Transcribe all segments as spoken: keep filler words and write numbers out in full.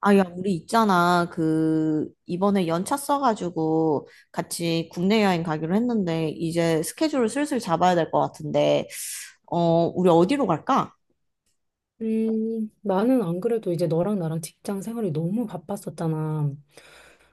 아, 야, 우리 있잖아. 그, 이번에 연차 써가지고 같이 국내 여행 가기로 했는데, 이제 스케줄을 슬슬 잡아야 될 것 같은데, 어, 우리 어디로 갈까? 음, 나는 안 그래도 이제 너랑 나랑 직장 생활이 너무 바빴었잖아.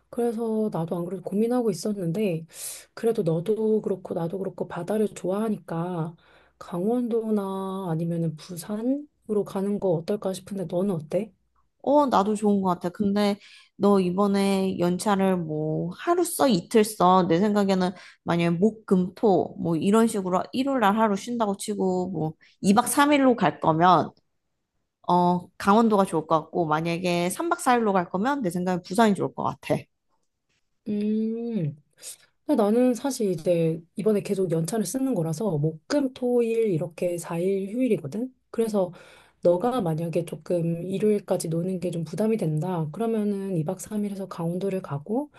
그래서 나도 안 그래도 고민하고 있었는데, 그래도 너도 그렇고 나도 그렇고 바다를 좋아하니까 강원도나 아니면은 부산으로 가는 거 어떨까 싶은데 너는 어때? 어, 나도 좋은 것 같아. 근데 너 이번에 연차를 뭐 하루 써, 이틀 써. 내 생각에는 만약에 목, 금, 토, 뭐 이런 식으로 일요일 날 하루 쉰다고 치고, 뭐 이 박 삼 일로 갈 거면, 어, 강원도가 좋을 것 같고, 만약에 삼 박 사 일로 갈 거면 내 생각엔 부산이 좋을 것 같아. 음. 근데 나는 사실 이제 이번에 계속 연차를 쓰는 거라서 목, 금, 토, 일 이렇게 사 일 휴일이거든. 그래서 너가 만약에 조금 일요일까지 노는 게 좀 부담이 된다. 그러면은 이 박 삼 일에서 강원도를 가고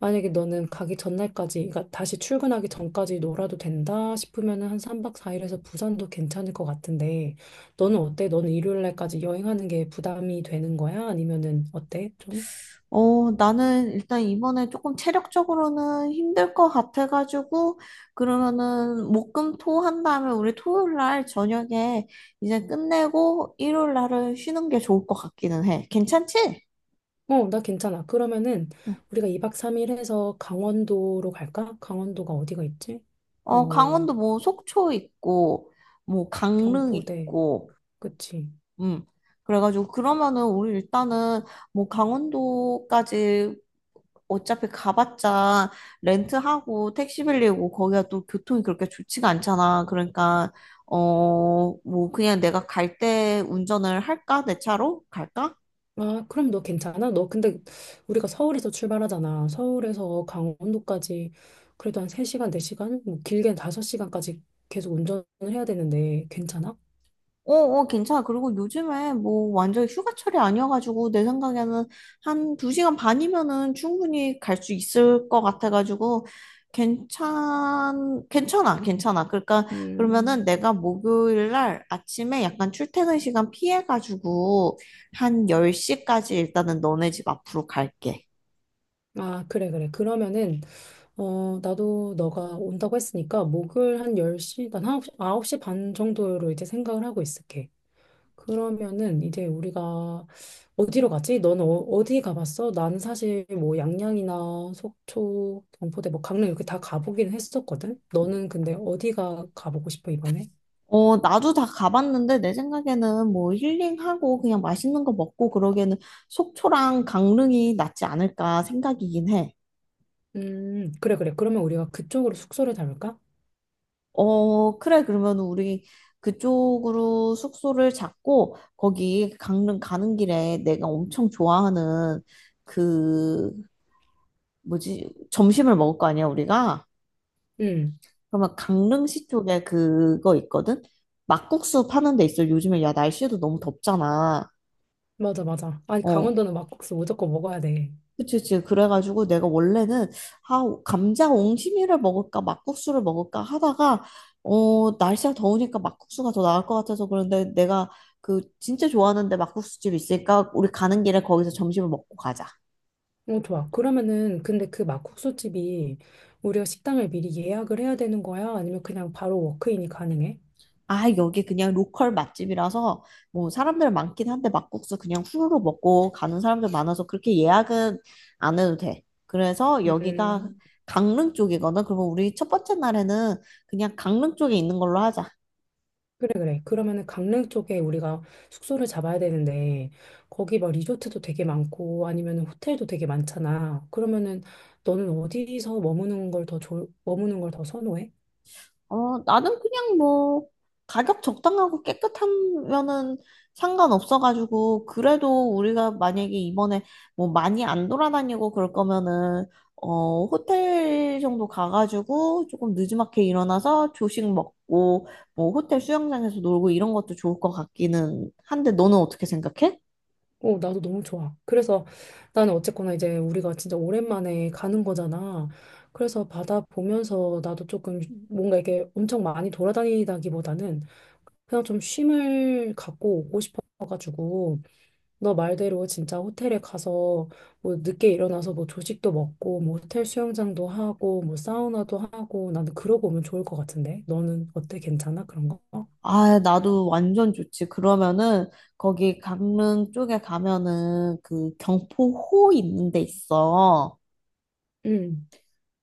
만약에 너는 가기 전날까지 그러니까 다시 출근하기 전까지 놀아도 된다 싶으면은 한 삼 박 사 일에서 부산도 괜찮을 것 같은데 너는 어때? 너는 일요일날까지 여행하는 게 부담이 되는 거야? 아니면은 어때? 어, 나는 일단 이번에 조금 체력적으로는 힘들 것 같아가지고, 그러면은 목금토 한 다음에 우리 토요일 날 저녁에 이제 끝내고 일요일 날을 쉬는 게 좋을 것 같기는 해. 괜찮지? 어, 나 괜찮아. 그러면은 우리가 이 박 삼 일 해서 강원도로 갈까? 강원도가 어디가 있지? 어, 어, 강원도 뭐 속초 있고, 뭐 강릉 경포대. 있고, 그치. 음. 그래가지고 그러면은 우리 일단은 뭐 강원도까지 어차피 가봤자 렌트하고 택시 빌리고 거기가 또 교통이 그렇게 좋지가 않잖아. 그러니까 어, 뭐 그냥 내가 갈 때 운전을 할까? 내 차로 갈까? 아, 그럼 너 괜찮아? 너 근데 우리가 서울에서 출발하잖아. 서울에서 강원도까지 그래도 한 세 시간, 네 시간? 뭐 길게는 다섯 시간까지 계속 운전을 해야 되는데 괜찮아? 어, 어, 괜찮아. 그리고 요즘에 뭐 완전 휴가철이 아니어가지고 내 생각에는 한 두시간 반이면은 충분히 갈 수 있을 것 같아가지고 괜찮, 괜찮아, 괜찮아. 그러니까 음, 그러면은 내가 목요일 날 아침에 약간 출퇴근 시간 피해가지고 한 열 시까지 일단은 너네 집 앞으로 갈게. 아, 그래, 그래. 그러면은, 어, 나도 너가 온다고 했으니까, 목요일 한 열 시, 난 아홉 시, 아홉 시 반 정도로 이제 생각을 하고 있을게. 그러면은 이제 우리가 어디로 가지? 너는 어, 디 가봤어? 난 사실 뭐 양양이나 속초, 경포대, 뭐 강릉 이렇게 다 가보긴 했었거든. 너는 근데 어디가 가보고 싶어 이번에? 어, 나도 다 가봤는데 내 생각에는 뭐 힐링하고 그냥 맛있는 거 먹고 그러기에는 속초랑 강릉이 낫지 않을까 생각이긴 해. 음, 그래 그래. 그러면 우리가 그쪽으로 숙소를 잡을까? 어, 그래. 그러면 우리 그쪽으로 숙소를 잡고 거기 강릉 가는 길에 내가 엄청 좋아하는 그 뭐지? 점심을 먹을 거 아니야, 우리가? 음, 그러면 강릉시 쪽에 그거 있거든? 막국수 파는 데 있어. 요즘에 야, 날씨도 너무 덥잖아. 맞아 맞아. 아니 어, 강원도는 막국수 무조건 먹어야 돼. 그치, 그치. 그래가지고 내가 원래는, 아, 감자 옹심이를 먹을까, 막국수를 먹을까 하다가, 어, 날씨가 더우니까 막국수가 더 나을 것 같아서 그런데 내가 그 진짜 좋아하는데 막국수집 있으니까 우리 가는 길에 거기서 점심을 먹고 가자. 어, 좋아. 그러면은 근데 그 막국수 집이 우리가 식당을 미리 예약을 해야 되는 거야? 아니면 그냥 바로 워크인이 가능해? 아, 여기 그냥 로컬 맛집이라서 뭐 사람들 많긴 한데 막국수 그냥 후루룩 먹고 가는 사람들 많아서 그렇게 예약은 안 해도 돼. 그래서 여기가 음. 강릉 쪽이거든. 그러면 우리 첫 번째 날에는 그냥 강릉 쪽에 있는 걸로 하자. 그래, 그래. 그러면은 강릉 쪽에 우리가 숙소를 잡아야 되는데, 거기 막 리조트도 되게 많고, 아니면 호텔도 되게 많잖아. 그러면은 너는 어디서 머무는 걸 더, 좋 머무는 걸 더 선호해? 어, 나는 그냥 뭐, 가격 적당하고 깨끗하면은 상관없어가지고, 그래도 우리가 만약에 이번에 뭐 많이 안 돌아다니고 그럴 거면은, 어, 호텔 정도 가가지고 조금 늦지막히 일어나서 조식 먹고, 뭐 호텔 수영장에서 놀고 이런 것도 좋을 것 같기는 한데, 너는 어떻게 생각해? 어, 나도 너무 좋아. 그래서 나는 어쨌거나 이제 우리가 진짜 오랜만에 가는 거잖아. 그래서 바다 보면서 나도 조금 뭔가 이렇게 엄청 많이 돌아다니다기보다는 그냥 좀 쉼을 갖고 오고 싶어가지고, 너 말대로 진짜 호텔에 가서 뭐 늦게 일어나서 뭐 조식도 먹고 뭐 호텔 수영장도 하고 뭐 사우나도 하고 나는 그러고 오면 좋을 것 같은데 너는 어때? 괜찮아? 그런 거? 아, 나도 완전 좋지. 그러면은, 거기 강릉 쪽에 가면은 그 경포호 있는 데 있어. 응,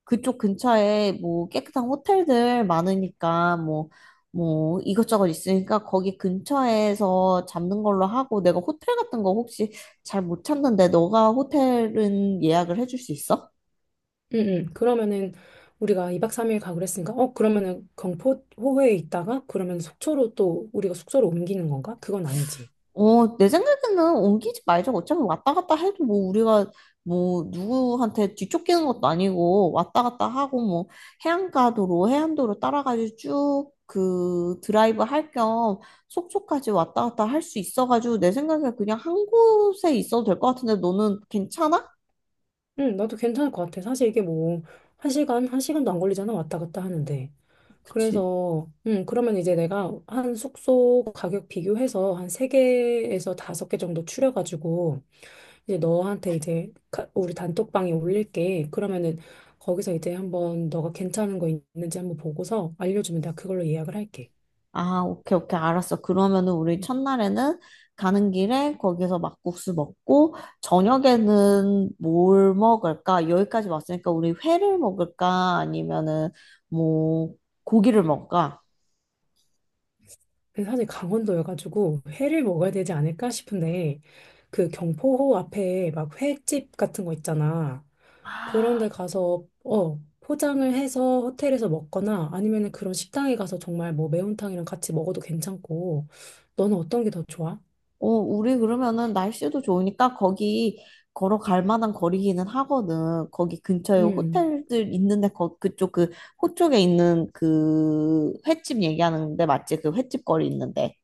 그쪽 근처에 뭐 깨끗한 호텔들 많으니까 뭐, 뭐 이것저것 있으니까 거기 근처에서 잡는 걸로 하고 내가 호텔 같은 거 혹시 잘 못 찾는데 너가 호텔은 예약을 해줄 수 있어? 응, 응. 그러면은 우리가 이 박 삼 일 가고 그랬으니까 어 그러면은 경포 호회에 있다가 그러면 속초로 또 우리가 숙소로 옮기는 건가? 그건 아니지. 어, 내 생각에는 옮기지 말자. 어차피 왔다 갔다 해도 뭐 우리가 뭐 누구한테 뒤쫓기는 것도 아니고 왔다 갔다 하고 뭐 해안가도로 해안도로 따라가지고 쭉 그 드라이브 할 겸 속초까지 왔다 갔다 할 수 있어가지고 내 생각에 그냥 한 곳에 있어도 될 것 같은데 너는 괜찮아? 응, 나도 괜찮을 것 같아. 사실 이게 뭐 한 시간 한 시간도 안 걸리잖아 왔다 갔다 하는데. 그치? 그래서, 음, 그러면 이제 내가 한 숙소 가격 비교해서 한 세개에서 다섯 개 정도 추려가지고, 이제 너한테 이제 가- 우리 단톡방에 올릴게. 그러면은 거기서 이제 한번 너가 괜찮은 거 있는지 한번 보고서 알려주면 내가 그걸로 예약을 할게. 아, 오케이, 오케이, 알았어. 그러면은 우리 음. 첫날에는 가는 길에 거기서 막국수 먹고, 저녁에는 뭘 먹을까? 여기까지 왔으니까 우리 회를 먹을까? 아니면은 뭐 고기를 먹을까? 근데 사실 강원도여가지고 회를 먹어야 되지 않을까 싶은데, 그 경포호 앞에 막 횟집 같은 거 있잖아. 그런 아, 데 가서 어 포장을 해서 호텔에서 먹거나 아니면은 그런 식당에 가서 정말 뭐 매운탕이랑 같이 먹어도 괜찮고 너는 어떤 게 더 좋아? 어, 우리 그러면은 날씨도 좋으니까 거기 걸어갈 만한 거리기는 하거든. 거기 근처에 음. 호텔들 있는데 거, 그쪽 그 호쪽에 있는 그 횟집 얘기하는데 맞지? 그 횟집 거리 있는데.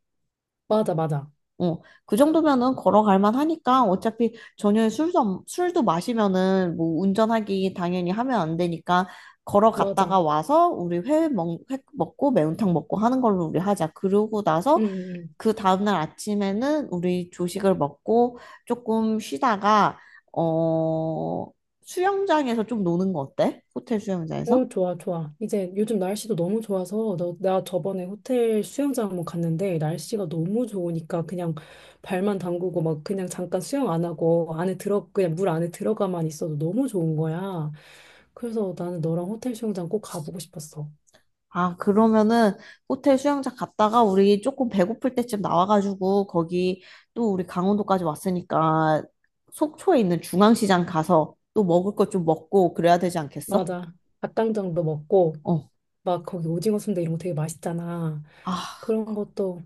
맞아, 맞아, 어, 그 정도면은 걸어갈 만하니까 어차피 저녁에 술도, 안- 술도 마시면은 뭐 운전하기 당연히 하면 안 되니까 걸어갔다가 맞아. 와서 우리 회 먹, 회 먹고 매운탕 먹고 하는 걸로 우리 하자. 그러고 나서 음어. 그 다음날 아침에는 우리 조식을 먹고 조금 쉬다가, 어, 수영장에서 좀 노는 거 어때? 호텔 수영장에서? 좋아, 좋아. 이제 요즘 날씨도 너무 좋아서 너, 나 저번에 호텔 수영장 한번 갔는데 날씨가 너무 좋으니까 그냥 발만 담그고 막 그냥 잠깐 수영 안 하고 안에 들어 그냥 물 안에 들어가만 있어도 너무 좋은 거야. 그래서 나는 너랑 호텔 수영장 꼭 가보고 싶었어. 아, 그러면은 호텔 수영장 갔다가 우리 조금 배고플 때쯤 나와가지고 거기 또 우리 강원도까지 왔으니까 속초에 있는 중앙시장 가서 또 먹을 것 좀 먹고 그래야 되지 않겠어? 맞아. 닭강정도 먹고, 어. 막 거기 오징어 순대 이런 거 되게 맛있잖아. 아, 그런 것도,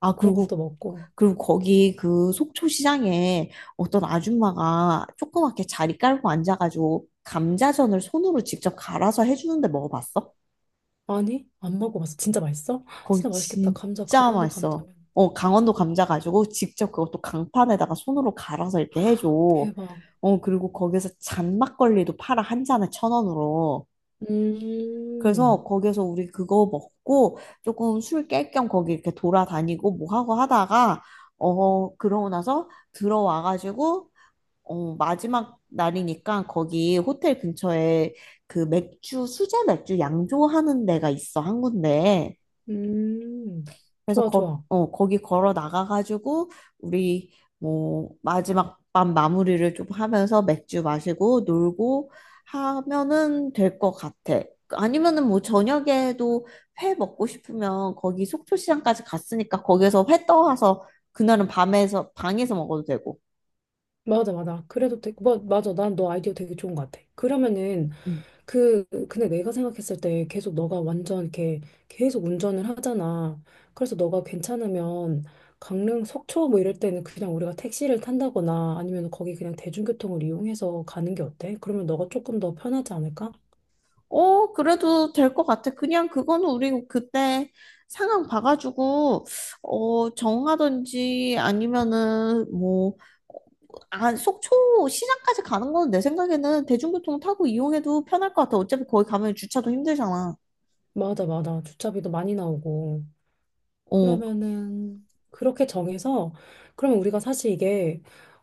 아, 그런 그리고 것도 먹고. 그리고 거기 그 속초시장에 어떤 아줌마가 조그맣게 자리 깔고 앉아가지고 감자전을 손으로 직접 갈아서 해주는데 먹어봤어? 아니, 안 먹어봤어. 진짜 맛있어? 거기 진짜 맛있겠다. 감자, 진짜 강원도 맛있어. 감자면. 어, 강원도 감자 가지고 직접 그것도 강판에다가 손으로 갈아서 이렇게 해줘. 대박. 어, 그리고 거기서 잔막걸리도 팔아, 한 잔에 천 원으로. 음, 그래서 거기서 우리 그거 먹고 조금 술 깰 겸 거기 이렇게 돌아다니고 뭐 하고 하다가, 어, 그러고 나서 들어와가지고, 어, 마지막 날이니까 거기 호텔 근처에 그 맥주, 수제 맥주 양조하는 데가 있어, 한 군데. 음. 그래서 좋아, 거, 좋아. 어, 거기 걸어 나가가지고 우리 뭐 마지막 밤 마무리를 좀 하면서 맥주 마시고 놀고 하면은 될 것 같아. 아니면은 뭐 저녁에도 회 먹고 싶으면 거기 속초시장까지 갔으니까 거기에서 회 떠와서 그날은 밤에서 방에서 먹어도 되고. 맞아, 맞아. 그래도 되게, 뭐, 맞아. 난 너 아이디어 되게 좋은 것 같아. 그러면은, 음. 그, 근데 내가 생각했을 때 계속 너가 완전 이렇게 계속 운전을 하잖아. 그래서 너가 괜찮으면 강릉 속초 뭐 이럴 때는 그냥 우리가 택시를 탄다거나 아니면 거기 그냥 대중교통을 이용해서 가는 게 어때? 그러면 너가 조금 더 편하지 않을까? 어, 그래도 될 것 같아. 그냥 그거는 우리 그때 상황 봐가지고, 어, 정하든지 아니면은 뭐, 아, 속초 시장까지 가는 건 내 생각에는 대중교통 타고 이용해도 편할 것 같아. 어차피 거기 가면 주차도 힘들잖아. 맞아, 맞아. 주차비도 많이 나오고. 어, 그러면은, 그렇게 정해서, 그러면 우리가 사실 이게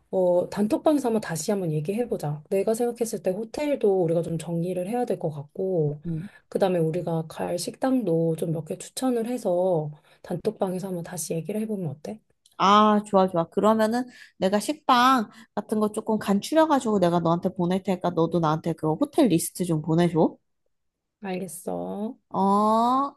어, 단톡방에서 한번 다시 한번 얘기해보자. 내가 생각했을 때 호텔도 우리가 좀 정리를 해야 될 것 같고, 음. 그 다음에 우리가 갈 식당도 좀 몇 개 추천을 해서 단톡방에서 한번 다시 얘기를 해보면 어때? 아, 좋아, 좋아. 그러면은 내가 식당 같은 거 조금 간추려가지고 내가 너한테 보낼 테니까 너도 나한테 그 호텔 리스트 좀 보내줘. 알겠어. 어,